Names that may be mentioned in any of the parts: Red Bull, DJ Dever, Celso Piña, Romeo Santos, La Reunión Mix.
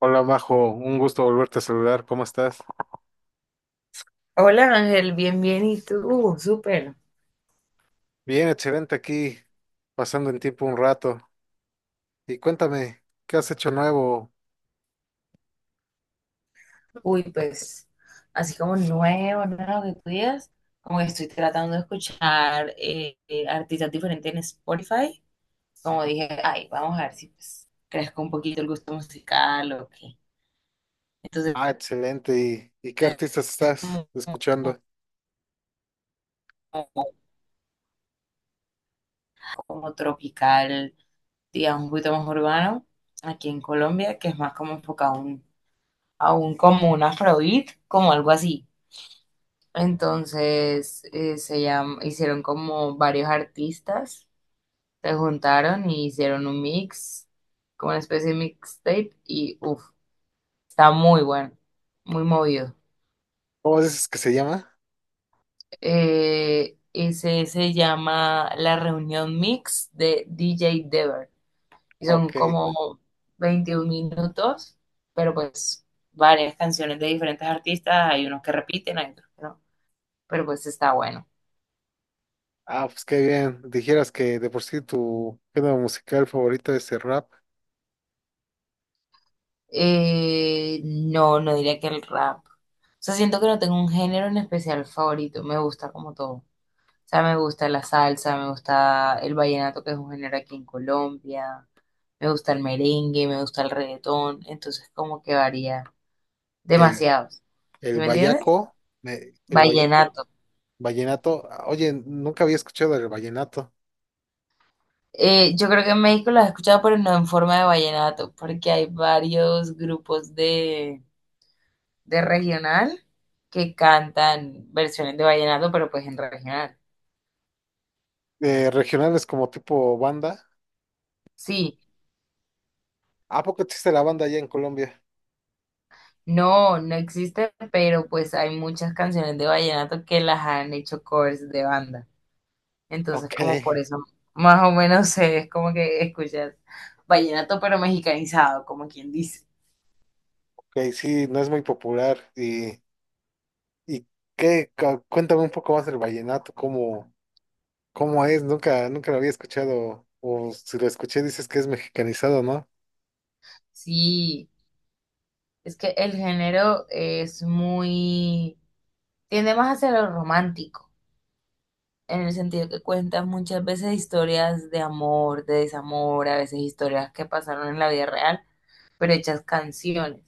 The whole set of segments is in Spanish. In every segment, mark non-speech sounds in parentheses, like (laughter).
Hola, Majo, un gusto volverte a saludar. ¿Cómo estás? Hola Ángel, bien, bien, ¿y tú? Súper. Bien, excelente aquí, pasando en tiempo un rato. Y cuéntame, ¿qué has hecho nuevo? Uy, pues, así como nuevo, nuevo que tú digas, como que estoy tratando de escuchar artistas diferentes en Spotify. Como dije, ay, vamos a ver si pues crezco un poquito el gusto musical o qué. Entonces, Ah, excelente. ¿Y qué es artistas estás como, escuchando? como- como tropical, digamos, un poquito más urbano aquí en Colombia, que es más como enfocado a un como un afrobeat, como algo así. Entonces hicieron como varios artistas, se juntaron y hicieron un mix, como una especie de mixtape, y uff, está muy bueno, muy movido. ¿Cómo dices que se llama? Ese se llama La Reunión Mix de DJ Dever, y son Ok. como 21 minutos, pero pues varias canciones de diferentes artistas, hay unos que repiten, hay otros que no, pero pues está bueno. Ah, pues qué bien. Dijeras que de por sí tu género musical favorito es el rap, No, no diría que el rap. O sea, siento que no tengo un género en especial favorito. Me gusta como todo. O sea, me gusta la salsa, me gusta el vallenato, que es un género aquí en Colombia. Me gusta el merengue, me gusta el reggaetón. Entonces, como que varía el, demasiado. ¿Sí el me entiendes? vallaco, el Vallenato. vallenato. Ah, oye, nunca había escuchado el vallenato. Yo creo que en México lo has escuchado, pero no en forma de vallenato, porque hay varios grupos de regional que cantan versiones de vallenato, pero pues en regional. Regionales como tipo banda. Sí, ¿A poco existe la banda allá en Colombia? no, no existe, pero pues hay muchas canciones de vallenato que las han hecho covers de banda. Entonces, Ok, como por eso, más o menos (laughs) sé, es como que escuchas vallenato pero mexicanizado, como quien dice. ok, sí, no es muy popular. Y Cuéntame un poco más del vallenato, cómo es, nunca lo había escuchado, o si lo escuché dices que es mexicanizado, ¿no? Sí, es que el género es muy, tiende más hacia lo romántico, en el sentido que cuentas muchas veces historias de amor, de desamor, a veces historias que pasaron en la vida real, pero hechas canciones.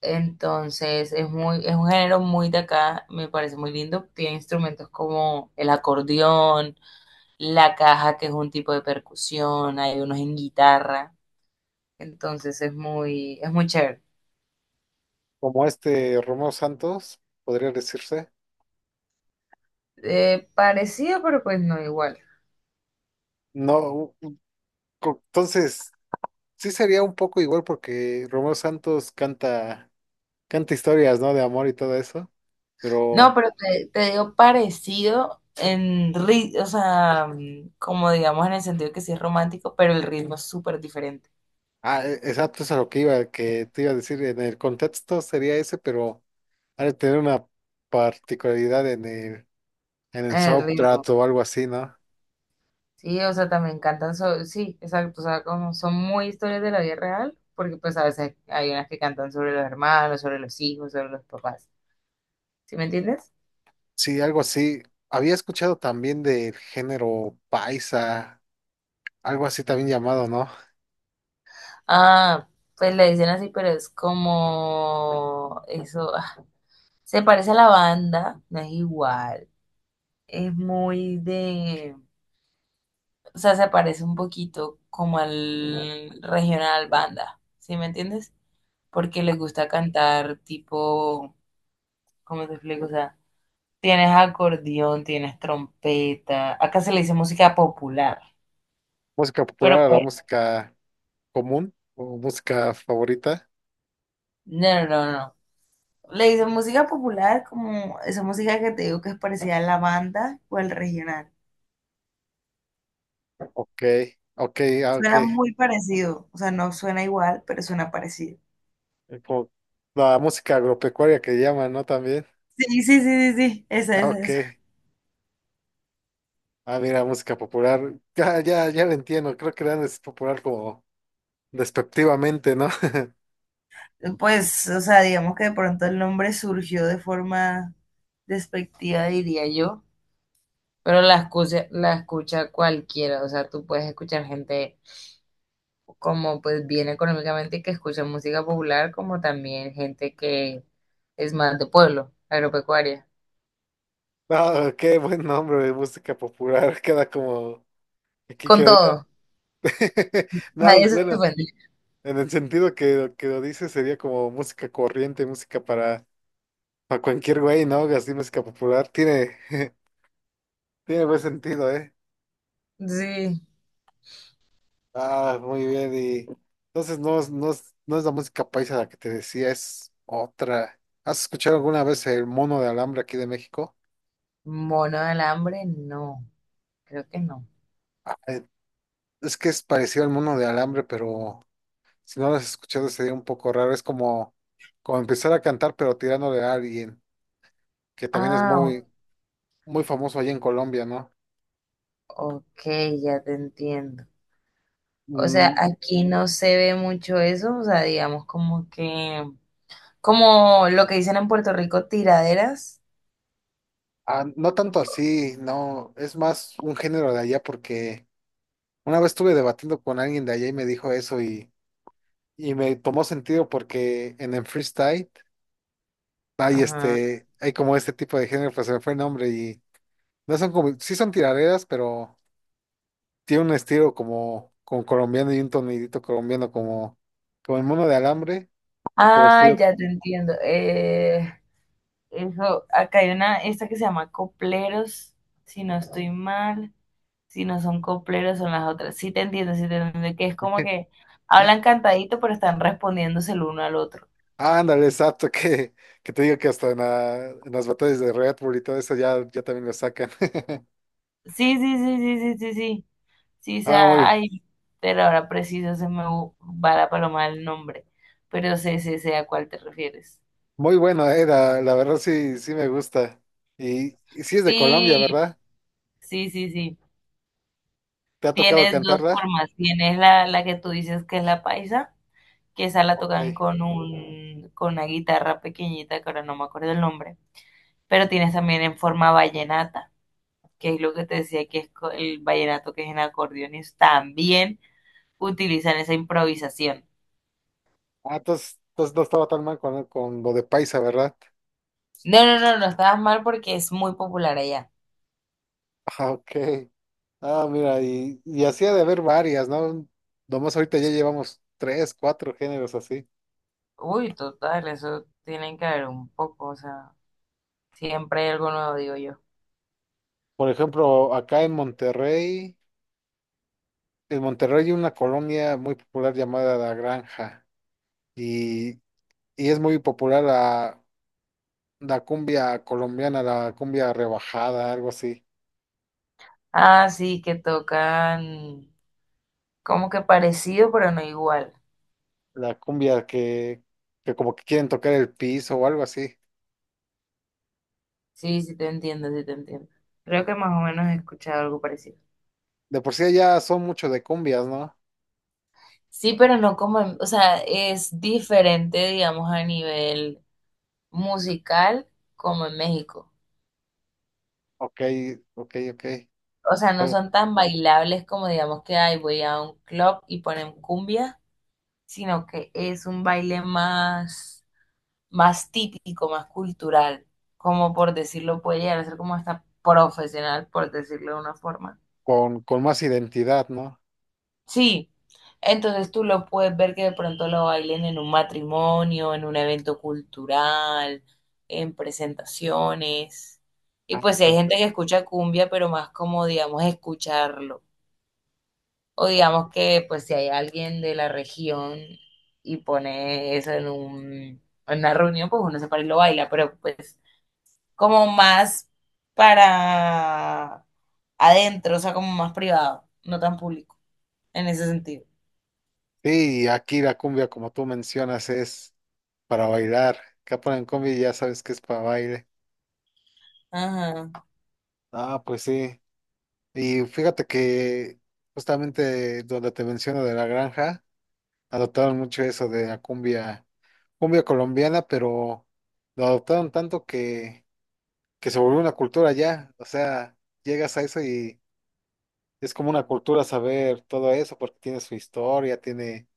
Entonces es muy, es un género muy de acá, me parece muy lindo. Tiene instrumentos como el acordeón, la caja, que es un tipo de percusión, hay unos en guitarra. Entonces es muy chévere. Como este Romeo Santos, podría decirse. Parecido, pero pues no igual. No, u- u- co- Entonces, sí sería un poco igual porque Romeo Santos canta historias, ¿no? De amor y todo eso, No, pero, pero te digo parecido en ritmo, o sea, mm, como digamos en el sentido que sí es romántico, pero el ritmo es súper diferente. ah, exacto, eso es a lo que iba, que te iba a decir, en el contexto sería ese, pero... Ha de tener una particularidad en en el El ritmo. soundtrack o algo así, ¿no? Sí, o sea, también cantan, sí, exacto, o sea, como son muy historias de la vida real, porque pues a veces hay unas que cantan sobre los hermanos, sobre los hijos, sobre los papás, ¿sí me entiendes? Sí, algo así. Había escuchado también del género paisa, algo así también llamado, ¿no? Ah, pues le dicen así, pero es como eso, ah, se parece a la banda, no es igual, es muy de, o sea, se parece un poquito como al regional banda, ¿sí me entiendes? Porque les gusta cantar tipo, ¿cómo te explico? O sea, tienes acordeón, tienes trompeta. Acá se le dice música popular. Música Pero popular, la pues, música común o música favorita. no, no, no. No. Le dicen música popular como esa música que te digo que es parecida a la banda o al regional. Ok, ok, ah, ok. Suena muy parecido. O sea, no suena igual, pero suena parecido. Como la música agropecuaria que llaman, ¿no? También. Sí, sí, sí, sí, sí. Esa, Ah, esa, ok. esa. Ah, mira, música popular. Ya lo entiendo. Creo que dan es popular como despectivamente, ¿no? (laughs) Pues, o sea, digamos que de pronto el nombre surgió de forma despectiva, diría yo. Pero la escucha cualquiera. O sea, tú puedes escuchar gente como pues bien económicamente y que escuchan música popular, como también gente que es más de pueblo, agropecuaria. No, qué buen nombre de música popular, (laughs) queda como aquí Con queda. todo, (laughs) No, nadie se bueno, ofende. en el sentido que lo dice sería como música corriente, para cualquier güey, ¿no? Así música popular, tiene, (laughs) tiene buen sentido, ¿eh? Sí, Ah, muy bien, y entonces no es la música paisa la que te decía, es otra. ¿Has escuchado alguna vez el mono de alambre aquí de México? mono del hambre, no, creo que no. Eh, Es que es parecido al mono de alambre, pero si no lo has escuchado, sería un poco raro. Es como, como empezar a cantar, pero tirándole a alguien, que también es Ah, muy famoso allá en Colombia, ¿no? ok, ya te entiendo. O sea, Mm, aquí no se ve mucho eso, o sea, digamos como que, como lo que dicen en Puerto Rico, tiraderas. ah, no tanto así, no, es más un género de allá, porque una vez estuve debatiendo con alguien de allá y me dijo eso y me tomó sentido porque en el freestyle hay Ajá. Hay como este tipo de género, pues se me fue el nombre y no son como, sí son tiraderas, pero tiene un estilo como, como colombiano y un tonidito colombiano como, como el mono de alambre, pero Ah, estilo... ya te entiendo. Eso, acá hay una, esta que se llama copleros, si no estoy mal, si no son copleros son las otras. Sí te entiendo, que es como que hablan cantadito pero están respondiéndose el uno al otro. Ah, (laughs) ándale, exacto, que te digo que hasta en las batallas de Red Bull y todo eso ya también lo sacan. (laughs) Sí, sí, sí, sí, sí, sí, sí, sí, o Ah, sea, ay, pero ahora preciso va la paloma el nombre, pero sé, sé, sé a cuál te refieres. muy bueno, la verdad sí, sí me gusta. Y sí es de Colombia, Sí, ¿verdad? sí, sí, sí. ¿Te ha tocado Tienes dos cantarla? formas, tienes la que tú dices que es la paisa que esa la Ok. tocan con con una guitarra pequeñita, que ahora no me acuerdo el nombre, pero tienes también en forma vallenata, que es lo que te decía que es el vallenato que es en acordeones, también utilizan esa improvisación. Ah, entonces no estaba tan mal con lo de Paisa, ¿verdad? No, no, no, no estabas mal porque es muy popular allá. (laughs) Ah, ok. Ah, mira, y así ha de haber varias, ¿no? Nomás ahorita ya llevamos tres, cuatro géneros así. Uy, total, eso tienen que ver un poco, o sea, siempre hay algo nuevo, digo yo. Por ejemplo, acá en Monterrey, En Monterrey hay una colonia muy popular llamada La Granja y, y es muy popular la cumbia colombiana, la cumbia rebajada, algo así. Ah, sí, que tocan como que parecido, pero no igual. La cumbia que, que como que quieren tocar el piso o algo así. Sí, sí te entiendo, sí te entiendo. Creo que más o menos he escuchado algo parecido. De por sí ya son mucho de cumbias, ¿no? Sí, pero no como, o sea, es diferente, digamos, a nivel musical como en México. Ok, ok. O sea, no Con, son tan bailables como, digamos, que ay, voy a un club y ponen cumbia, sino que es un baile más, más típico, más cultural, como por decirlo, puede llegar a ser como hasta profesional, por decirlo de una forma. con con más identidad, ¿no? Sí, entonces tú lo puedes ver que de pronto lo bailen en un matrimonio, en un evento cultural, en presentaciones. Y Ah, pues si hay ok. gente que escucha cumbia, pero más como, digamos, escucharlo. O digamos que pues si hay alguien de la región y pone eso en un, en una reunión, pues uno se para y lo baila, pero pues como más para adentro, o sea, como más privado, no tan público, en ese sentido. Sí, aquí la cumbia, como tú mencionas, es para bailar. Acá ponen cumbia y ya sabes que es para baile. Ajá. Ah, pues sí. Y fíjate que justamente donde te menciono de la granja, adoptaron mucho eso de la cumbia, cumbia colombiana, pero lo adoptaron tanto que se volvió una cultura ya. O sea, llegas a eso y es como una cultura saber todo eso, porque tiene su historia, tiene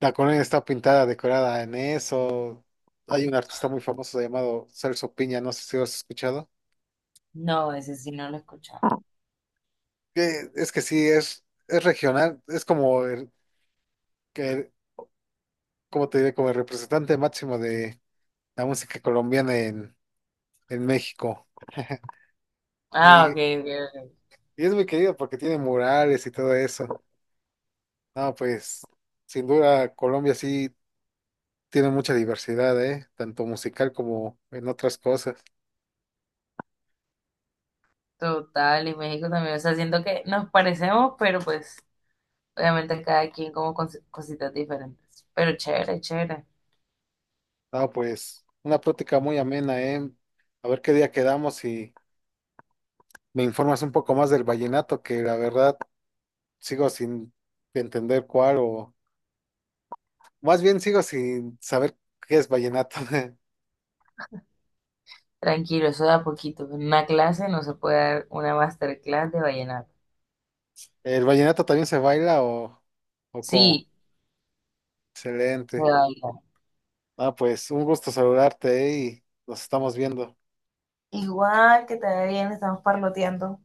la colonia está pintada, decorada en eso. Hay un artista muy famoso llamado Celso Piña, no sé si lo has escuchado. No, ese sí no lo he escuchado. Ah, que es que sí, es regional, es como que, como te diré, como el representante máximo de la música colombiana en México. Ah, Y ok, ok, ok. es muy querido porque tiene murales y todo eso. No, pues, sin duda, Colombia sí tiene mucha diversidad, ¿eh? Tanto musical como en otras cosas. Total, y México también. O sea, siento que nos parecemos, pero pues obviamente cada quien como con cositas diferentes. Pero chévere, chévere. Ah, pues una plática muy amena, ¿eh? A ver qué día quedamos y me informas un poco más del vallenato, que la verdad sigo sin entender cuál o más bien sigo sin saber qué es vallenato. (laughs) Tranquilo, eso da poquito. En una clase no se puede dar una masterclass de vallenato. ¿El vallenato también se baila o cómo? Sí, se Excelente. baila. Ah, pues un gusto saludarte, ¿eh? Y nos estamos viendo. Igual que te ve bien, estamos parloteando.